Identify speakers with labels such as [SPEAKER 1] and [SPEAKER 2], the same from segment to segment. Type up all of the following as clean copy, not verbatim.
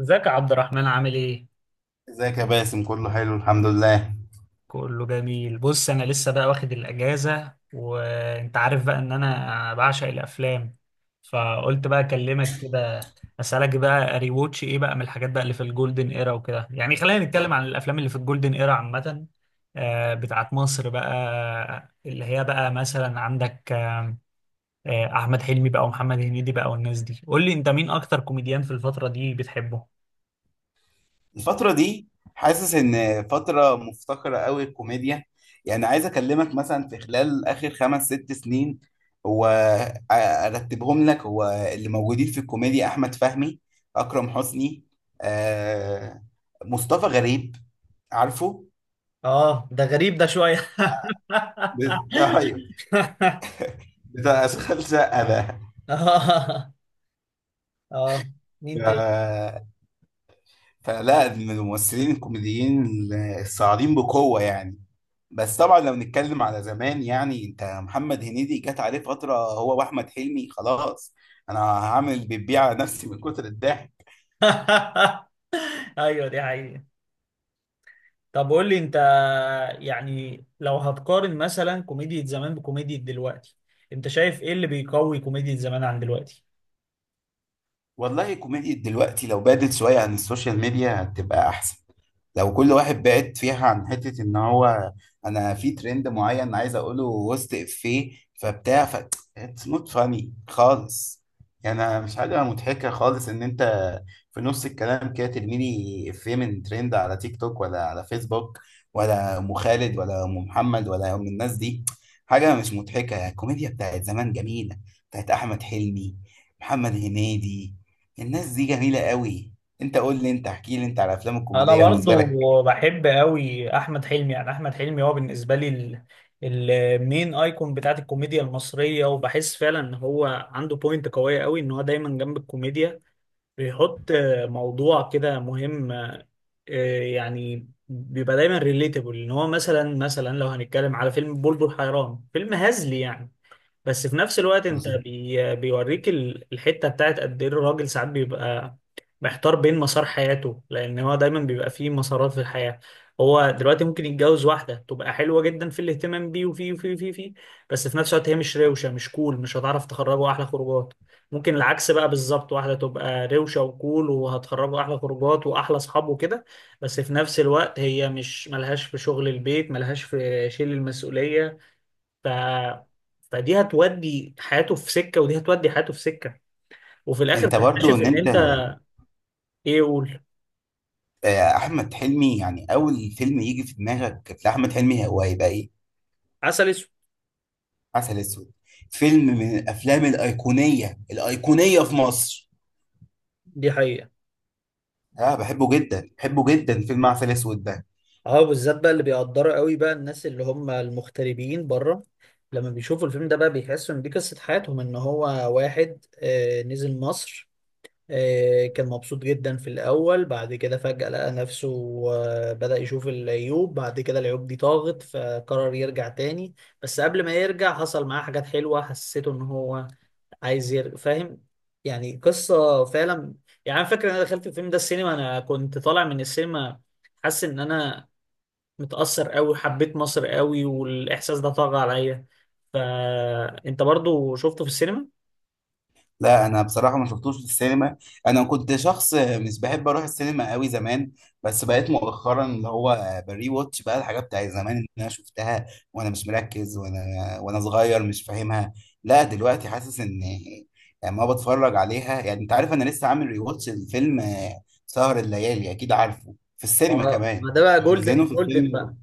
[SPEAKER 1] ازيك يا عبد الرحمن، عامل ايه؟
[SPEAKER 2] ازيك يا باسم، كله حلو الحمد لله.
[SPEAKER 1] كله جميل. بص، انا لسه بقى واخد الاجازة، وانت عارف بقى ان انا بعشق الافلام، فقلت بقى اكلمك كده، اسالك بقى ري ووتش ايه بقى من الحاجات بقى اللي في الجولدن ايرا وكده. يعني خلينا نتكلم عن الافلام اللي في الجولدن ايرا عامة، بتاعت مصر بقى، اللي هي بقى مثلا عندك احمد حلمي بقى ومحمد هنيدي بقى والناس دي. قول لي انت، مين اكتر كوميديان في الفترة دي بتحبه؟
[SPEAKER 2] الفترة دي حاسس ان فترة مفتقرة قوي الكوميديا. يعني عايز اكلمك مثلا في خلال اخر 5 6 سنين. هو ارتبهم لك. هو اللي موجودين في الكوميديا: احمد فهمي، اكرم حسني، آه مصطفى غريب، عارفه
[SPEAKER 1] اه ده غريب ده شوية
[SPEAKER 2] ايوه، بتاع اشغال شقة ده.
[SPEAKER 1] اه، اه، مين تاني؟
[SPEAKER 2] آه، فلا من الممثلين الكوميديين الصاعدين بقوة يعني. بس طبعا لو نتكلم على زمان، يعني انت محمد هنيدي جت عليه فترة هو واحمد حلمي، خلاص انا هعمل بيبيع على نفسي من كتر الضحك.
[SPEAKER 1] ايوه، دي حقيقة. طب قول لي انت، يعني لو هتقارن مثلا كوميديا زمان بكوميديا دلوقتي، انت شايف ايه اللي بيقوي كوميديا زمان عن دلوقتي؟
[SPEAKER 2] والله كوميديا دلوقتي لو بعدت شوية عن السوشيال ميديا هتبقى احسن. لو كل واحد بعد فيها عن حتة ان هو، انا في ترند معين عايز اقوله وسط افيه فبتاع ف، اتس نوت فاني خالص. يعني أنا مش حاجة مضحكة خالص ان انت في نص الكلام كده ترميلي افيه من ترند على تيك توك ولا على فيسبوك، ولا ام خالد ولا ام محمد ولا ام الناس دي. حاجة مش مضحكة. يعني الكوميديا بتاعت زمان جميلة، بتاعت احمد حلمي، محمد هنيدي، الناس دي جميلة قوي. انت قول لي انت، احكي لي انت على الافلام
[SPEAKER 1] انا
[SPEAKER 2] الكوميديه بالنسبه
[SPEAKER 1] برضو
[SPEAKER 2] لك.
[SPEAKER 1] بحب قوي احمد حلمي، يعني احمد حلمي هو بالنسبة لي المين ايكون بتاعت الكوميديا المصرية، وبحس فعلا ان هو عنده بوينت قوية قوي ان هو دايما جنب الكوميديا بيحط موضوع كده مهم. يعني بيبقى دايما ريليتابل ان هو مثلا، لو هنتكلم على فيلم بلبل حيران، فيلم هزلي يعني، بس في نفس الوقت انت بيوريك الحتة بتاعت قد ايه الراجل ساعات بيبقى محتار بين مسار حياته، لان هو دايما بيبقى فيه مسارات في الحياه. هو دلوقتي ممكن يتجوز واحده تبقى حلوه جدا في الاهتمام بيه وفيه وفيه وفيه وفيه، بس في نفس الوقت هي مش روشه، مش كول، مش هتعرف تخرجه احلى خروجات. ممكن العكس بقى بالظبط، واحده تبقى روشه وكول وهتخرجه احلى خروجات واحلى اصحاب وكده، بس في نفس الوقت هي مش ملهاش في شغل البيت، ملهاش في شيل المسؤوليه. ف فدي هتودي حياته في سكه، ودي هتودي حياته في سكه، وفي الاخر
[SPEAKER 2] انت برضو
[SPEAKER 1] تكتشف
[SPEAKER 2] ان
[SPEAKER 1] ان
[SPEAKER 2] انت،
[SPEAKER 1] انت... ايه، قول.
[SPEAKER 2] احمد حلمي، يعني اول فيلم يجي في دماغك لاحمد حلمي هو هيبقى ايه؟
[SPEAKER 1] عسل اسود.
[SPEAKER 2] عسل اسود. فيلم من الافلام الايقونيه في مصر.
[SPEAKER 1] دي حقيقة.
[SPEAKER 2] اه بحبه جدا، بحبه جدا. فيلم عسل اسود ده،
[SPEAKER 1] اه بالذات بقى اللي بيقدروا قوي بقى الناس اللي هم المغتربين بره، لما بيشوفوا الفيلم ده بقى بيحسوا ان دي قصة حياتهم، ان هو واحد نزل مصر، كان مبسوط جدا في الاول، بعد كده فجأة لقى نفسه، بدأ يشوف العيوب، بعد كده العيوب دي طاغت فقرر يرجع تاني، بس قبل ما يرجع حصل معاه حاجات حلوة حسيته ان هو عايز يرجع، فاهم؟ يعني قصة فعلا. يعني أنا فاكر ان انا دخلت الفيلم ده السينما، انا كنت طالع من السينما حاسس ان انا متأثر قوي، حبيت مصر قوي، والإحساس ده طغى عليا. فأنت برضو شفته في السينما؟
[SPEAKER 2] لا انا بصراحه ما شفتوش في السينما. انا كنت شخص مش بحب اروح السينما قوي زمان. بس بقيت مؤخرا اللي هو بري واتش بقى الحاجات بتاعت زمان اللي انا شفتها وانا مش مركز وانا صغير مش فاهمها. لا دلوقتي حاسس ان، لما بتفرج عليها، يعني انت عارف، انا لسه عامل ري واتش الفيلم، سهر الليالي، اكيد عارفه في السينما
[SPEAKER 1] اه،
[SPEAKER 2] كمان.
[SPEAKER 1] ما ده بقى جولدن
[SPEAKER 2] منزلينه في
[SPEAKER 1] الجولدن.
[SPEAKER 2] السينما.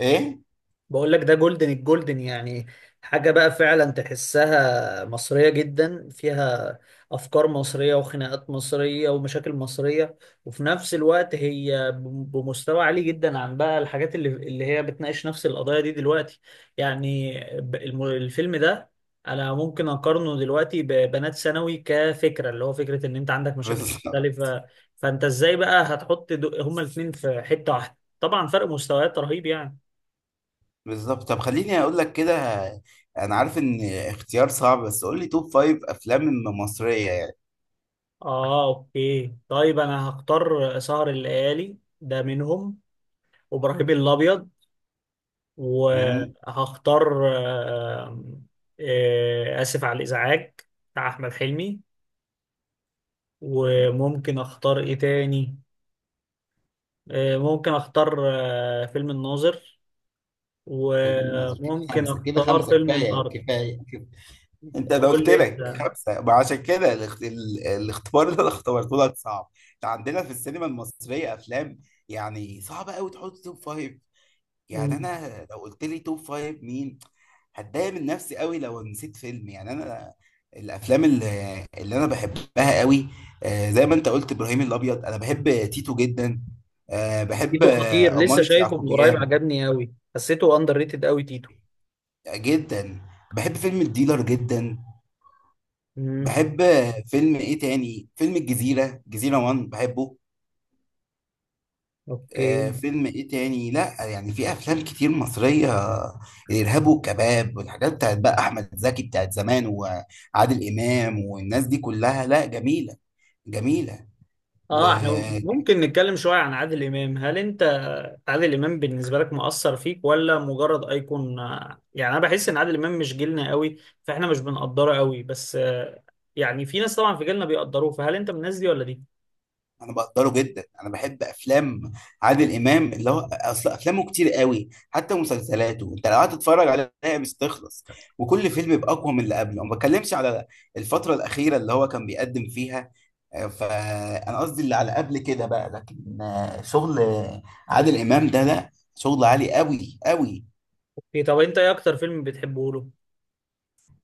[SPEAKER 2] ايه؟
[SPEAKER 1] بقول لك ده جولدن الجولدن، يعني حاجة بقى فعلا تحسها مصرية جدا، فيها أفكار مصرية وخناقات مصرية ومشاكل مصرية، وفي نفس الوقت هي بمستوى عالي جدا عن بقى الحاجات اللي هي بتناقش نفس القضايا دي دلوقتي. يعني الفيلم ده أنا ممكن أقارنه دلوقتي ببنات ثانوي كفكرة، اللي هو فكرة إن أنت عندك مشاكل
[SPEAKER 2] بس
[SPEAKER 1] مختلفة، فأنت إزاي بقى هتحط هما الاتنين في حتة واحدة؟ طبعا فرق مستويات رهيب يعني.
[SPEAKER 2] بالظبط. طب خليني اقول لك كده، انا عارف ان اختيار صعب، بس قول لي توب فايف افلام مصريه يعني.
[SPEAKER 1] اه اوكي، طيب انا هختار سهر الليالي ده منهم، وابراهيم الابيض،
[SPEAKER 2] امم
[SPEAKER 1] وهختار اسف على الازعاج، بتاع احمد حلمي. وممكن اختار ايه تاني؟ ممكن اختار فيلم الناظر،
[SPEAKER 2] فيلم الناظر؟ كده
[SPEAKER 1] وممكن
[SPEAKER 2] خمسه، كده
[SPEAKER 1] اختار
[SPEAKER 2] خمسه،
[SPEAKER 1] فيلم
[SPEAKER 2] كفايه
[SPEAKER 1] الارض.
[SPEAKER 2] كفايه كفايه انت انا
[SPEAKER 1] قول
[SPEAKER 2] قلت
[SPEAKER 1] لي
[SPEAKER 2] لك
[SPEAKER 1] انت.
[SPEAKER 2] خمسه، ما عشان كده الاختبار اللي انا اختبرته لك صعب. إحنا عندنا في السينما المصريه افلام يعني صعبه قوي تحط توب فايف. يعني
[SPEAKER 1] مم.
[SPEAKER 2] انا لو قلت لي توب فايف مين، هتضايق من نفسي قوي لو نسيت فيلم. يعني انا الافلام اللي انا بحبها قوي، زي ما انت قلت ابراهيم الابيض، انا بحب تيتو جدا، بحب
[SPEAKER 1] تيتو خطير، لسه
[SPEAKER 2] عمارة
[SPEAKER 1] شايفه من قريب،
[SPEAKER 2] يعقوبيان
[SPEAKER 1] عجبني قوي، حسيته اندر ريتد قوي تيتو.
[SPEAKER 2] جدا، بحب فيلم الديلر جدا،
[SPEAKER 1] مم.
[SPEAKER 2] بحب، فيلم ايه تاني، فيلم الجزيرة، جزيرة وان بحبه،
[SPEAKER 1] اوكي.
[SPEAKER 2] فيلم ايه تاني، لا يعني في افلام كتير مصرية. الارهاب والكباب، والحاجات بتاعت بقى احمد زكي بتاعت زمان، وعادل امام والناس دي كلها، لا جميلة، جميلة.
[SPEAKER 1] اه احنا
[SPEAKER 2] وأنا
[SPEAKER 1] ممكن نتكلم شوية عن عادل امام. هل انت عادل امام بالنسبة لك مؤثر فيك ولا مجرد ايكون؟ يعني انا بحس ان عادل امام مش جيلنا قوي، فاحنا مش بنقدره قوي، بس يعني في ناس طبعا في جيلنا بيقدروه، فهل انت من الناس دي ولا دي؟
[SPEAKER 2] بقدره جدا. أنا بحب أفلام عادل إمام، اللي هو أصل أفلامه كتير قوي، حتى مسلسلاته أنت لو قعدت تتفرج عليها مش تخلص، وكل فيلم يبقى أقوى من اللي قبله. ما بتكلمش على الفترة الأخيرة اللي هو كان بيقدم فيها، فأنا قصدي اللي على قبل كده بقى، لكن شغل عادل إمام ده، لا شغل عالي قوي قوي.
[SPEAKER 1] اوكي، طب انت ايه اكتر فيلم بتحبه له؟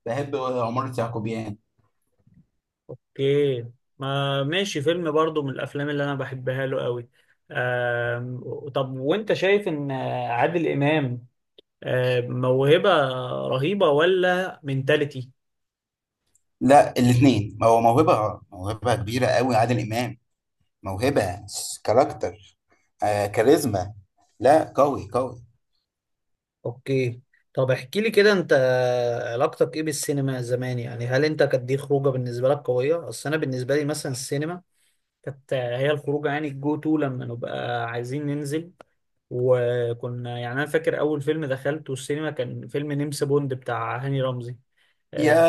[SPEAKER 2] بحب عمارة يعقوبيان.
[SPEAKER 1] اوكي، ما ماشي، فيلم برضو من الافلام اللي انا بحبها له قوي. طب وانت شايف ان عادل امام موهبة رهيبة ولا منتاليتي؟
[SPEAKER 2] لا الاثنين، هو موهبة، موهبة كبيرة قوي عادل إمام، موهبة، كاركتر، آه كاريزما، لا قوي قوي.
[SPEAKER 1] اوكي، طب احكي لي كده، انت علاقتك ايه بالسينما زمان؟ يعني هل انت كانت دي خروجه بالنسبه لك قويه؟ اصل انا بالنسبه لي مثلا السينما كانت هي الخروجه، يعني الجو تو لما نبقى عايزين ننزل، وكنا، يعني انا فاكر اول فيلم دخلته السينما كان فيلم نمس بوند بتاع هاني رمزي، آه،
[SPEAKER 2] يا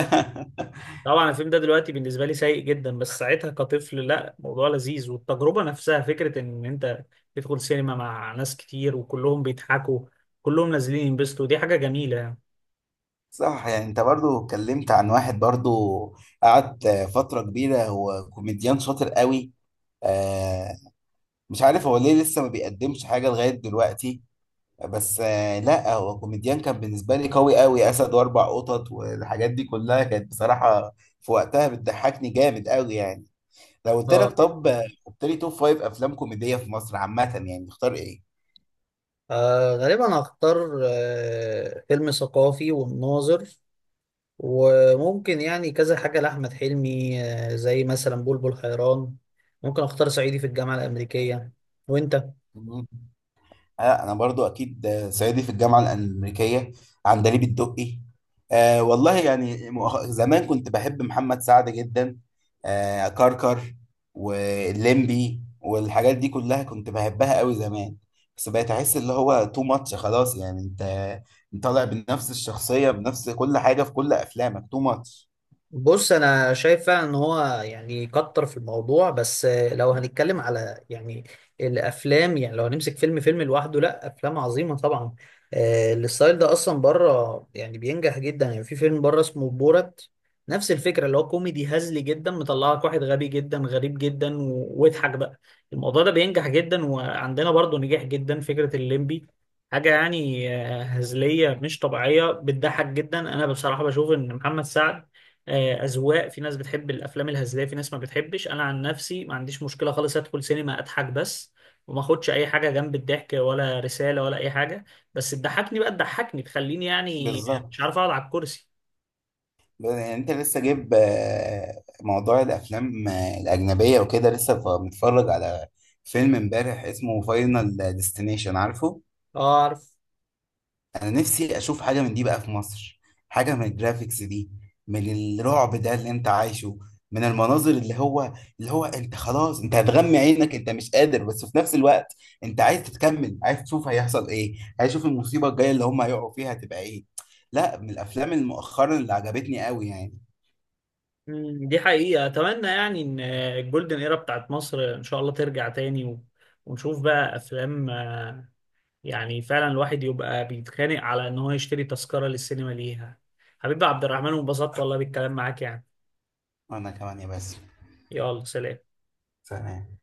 [SPEAKER 1] طبعا الفيلم ده دلوقتي بالنسبه لي سيء جدا، بس ساعتها كطفل لا، موضوع لذيذ، والتجربه نفسها فكره ان انت تدخل سينما مع ناس كتير وكلهم بيضحكوا، كلهم نازلين ينبسطوا، دي حاجه جميله يعني.
[SPEAKER 2] صح. يعني انت برضو اتكلمت عن واحد برضو قعد فترة كبيرة، هو كوميديان شاطر قوي، آه، مش عارف هو ليه لسه ما بيقدمش حاجة لغاية دلوقتي. بس آه لا، هو كوميديان كان بالنسبة لي قوي قوي. أسد وأربع قطط والحاجات دي كلها كانت بصراحة في وقتها بتضحكني جامد قوي يعني. لو قلت
[SPEAKER 1] اه
[SPEAKER 2] لك،
[SPEAKER 1] دي
[SPEAKER 2] طب
[SPEAKER 1] حقيقة.
[SPEAKER 2] قلت لي توب فايف أفلام كوميدية في مصر عامة يعني تختار
[SPEAKER 1] غالبا هختار فيلم ثقافي والناظر، وممكن يعني كذا حاجة لأحمد حلمي، زي مثلا بلبل حيران، ممكن اختار صعيدي في الجامعة الأمريكية. وانت؟
[SPEAKER 2] إيه؟ انا برضو اكيد، صعيدي في الجامعه الامريكيه، عندليب الدقي، آه والله يعني زمان كنت بحب محمد سعد جدا، آه كركر واللمبي والحاجات دي كلها كنت بحبها قوي زمان. بس بقيت احس اللي هو تو ماتش خلاص. يعني انت طالع بنفس الشخصيه، بنفس كل حاجه، في كل افلامك تو ماتش.
[SPEAKER 1] بص، انا شايف فعلا ان هو يعني كتر في الموضوع، بس لو هنتكلم على يعني الافلام، يعني لو هنمسك فيلم فيلم لوحده، لا، افلام عظيمه طبعا. الستايل ده اصلا بره يعني بينجح جدا، يعني في فيلم بره اسمه بورت، نفس الفكره، اللي هو كوميدي هزلي جدا مطلع لك واحد غبي جدا غريب جدا واضحك بقى. الموضوع ده بينجح جدا، وعندنا برضه نجاح جدا فكره الليمبي، حاجة يعني هزلية مش طبيعية بتضحك جدا. أنا بصراحة بشوف إن محمد سعد اذواق، في ناس بتحب الافلام الهزليه، في ناس ما بتحبش. انا عن نفسي ما عنديش مشكله خالص، ادخل سينما اضحك بس، وما اخدش اي حاجه جنب الضحك ولا رساله ولا اي حاجه، بس تضحكني بقى، تضحكني تخليني يعني مش
[SPEAKER 2] بالظبط.
[SPEAKER 1] عارف اقعد على الكرسي.
[SPEAKER 2] يعني انت لسه جايب موضوع الافلام الاجنبيه وكده، لسه متفرج على فيلم امبارح اسمه فاينل ديستنيشن، عارفه؟
[SPEAKER 1] اه عارف.
[SPEAKER 2] انا نفسي اشوف حاجه من دي بقى في مصر، حاجه من الجرافيكس دي، من الرعب ده اللي انت عايشه، من المناظر اللي هو، اللي هو انت خلاص انت هتغمي عينك، انت مش قادر، بس في نفس الوقت انت عايز تتكمل، عايز تشوف هيحصل ايه، عايز تشوف المصيبه الجايه اللي هم هيقعوا فيها هتبقى ايه. لا من الافلام المؤخرا اللي عجبتني قوي يعني.
[SPEAKER 1] دي حقيقه، اتمنى يعني ان الجولدن ايرا بتاعت مصر ان شاء الله ترجع تاني، و... ونشوف بقى افلام، يعني فعلا الواحد يبقى بيتخانق على ان هو يشتري تذكره للسينما ليها. حبيبي عبد الرحمن، وانبسطت والله بالكلام معاك يعني.
[SPEAKER 2] وانا كمان يا بس.
[SPEAKER 1] يلا، سلام.
[SPEAKER 2] سلام.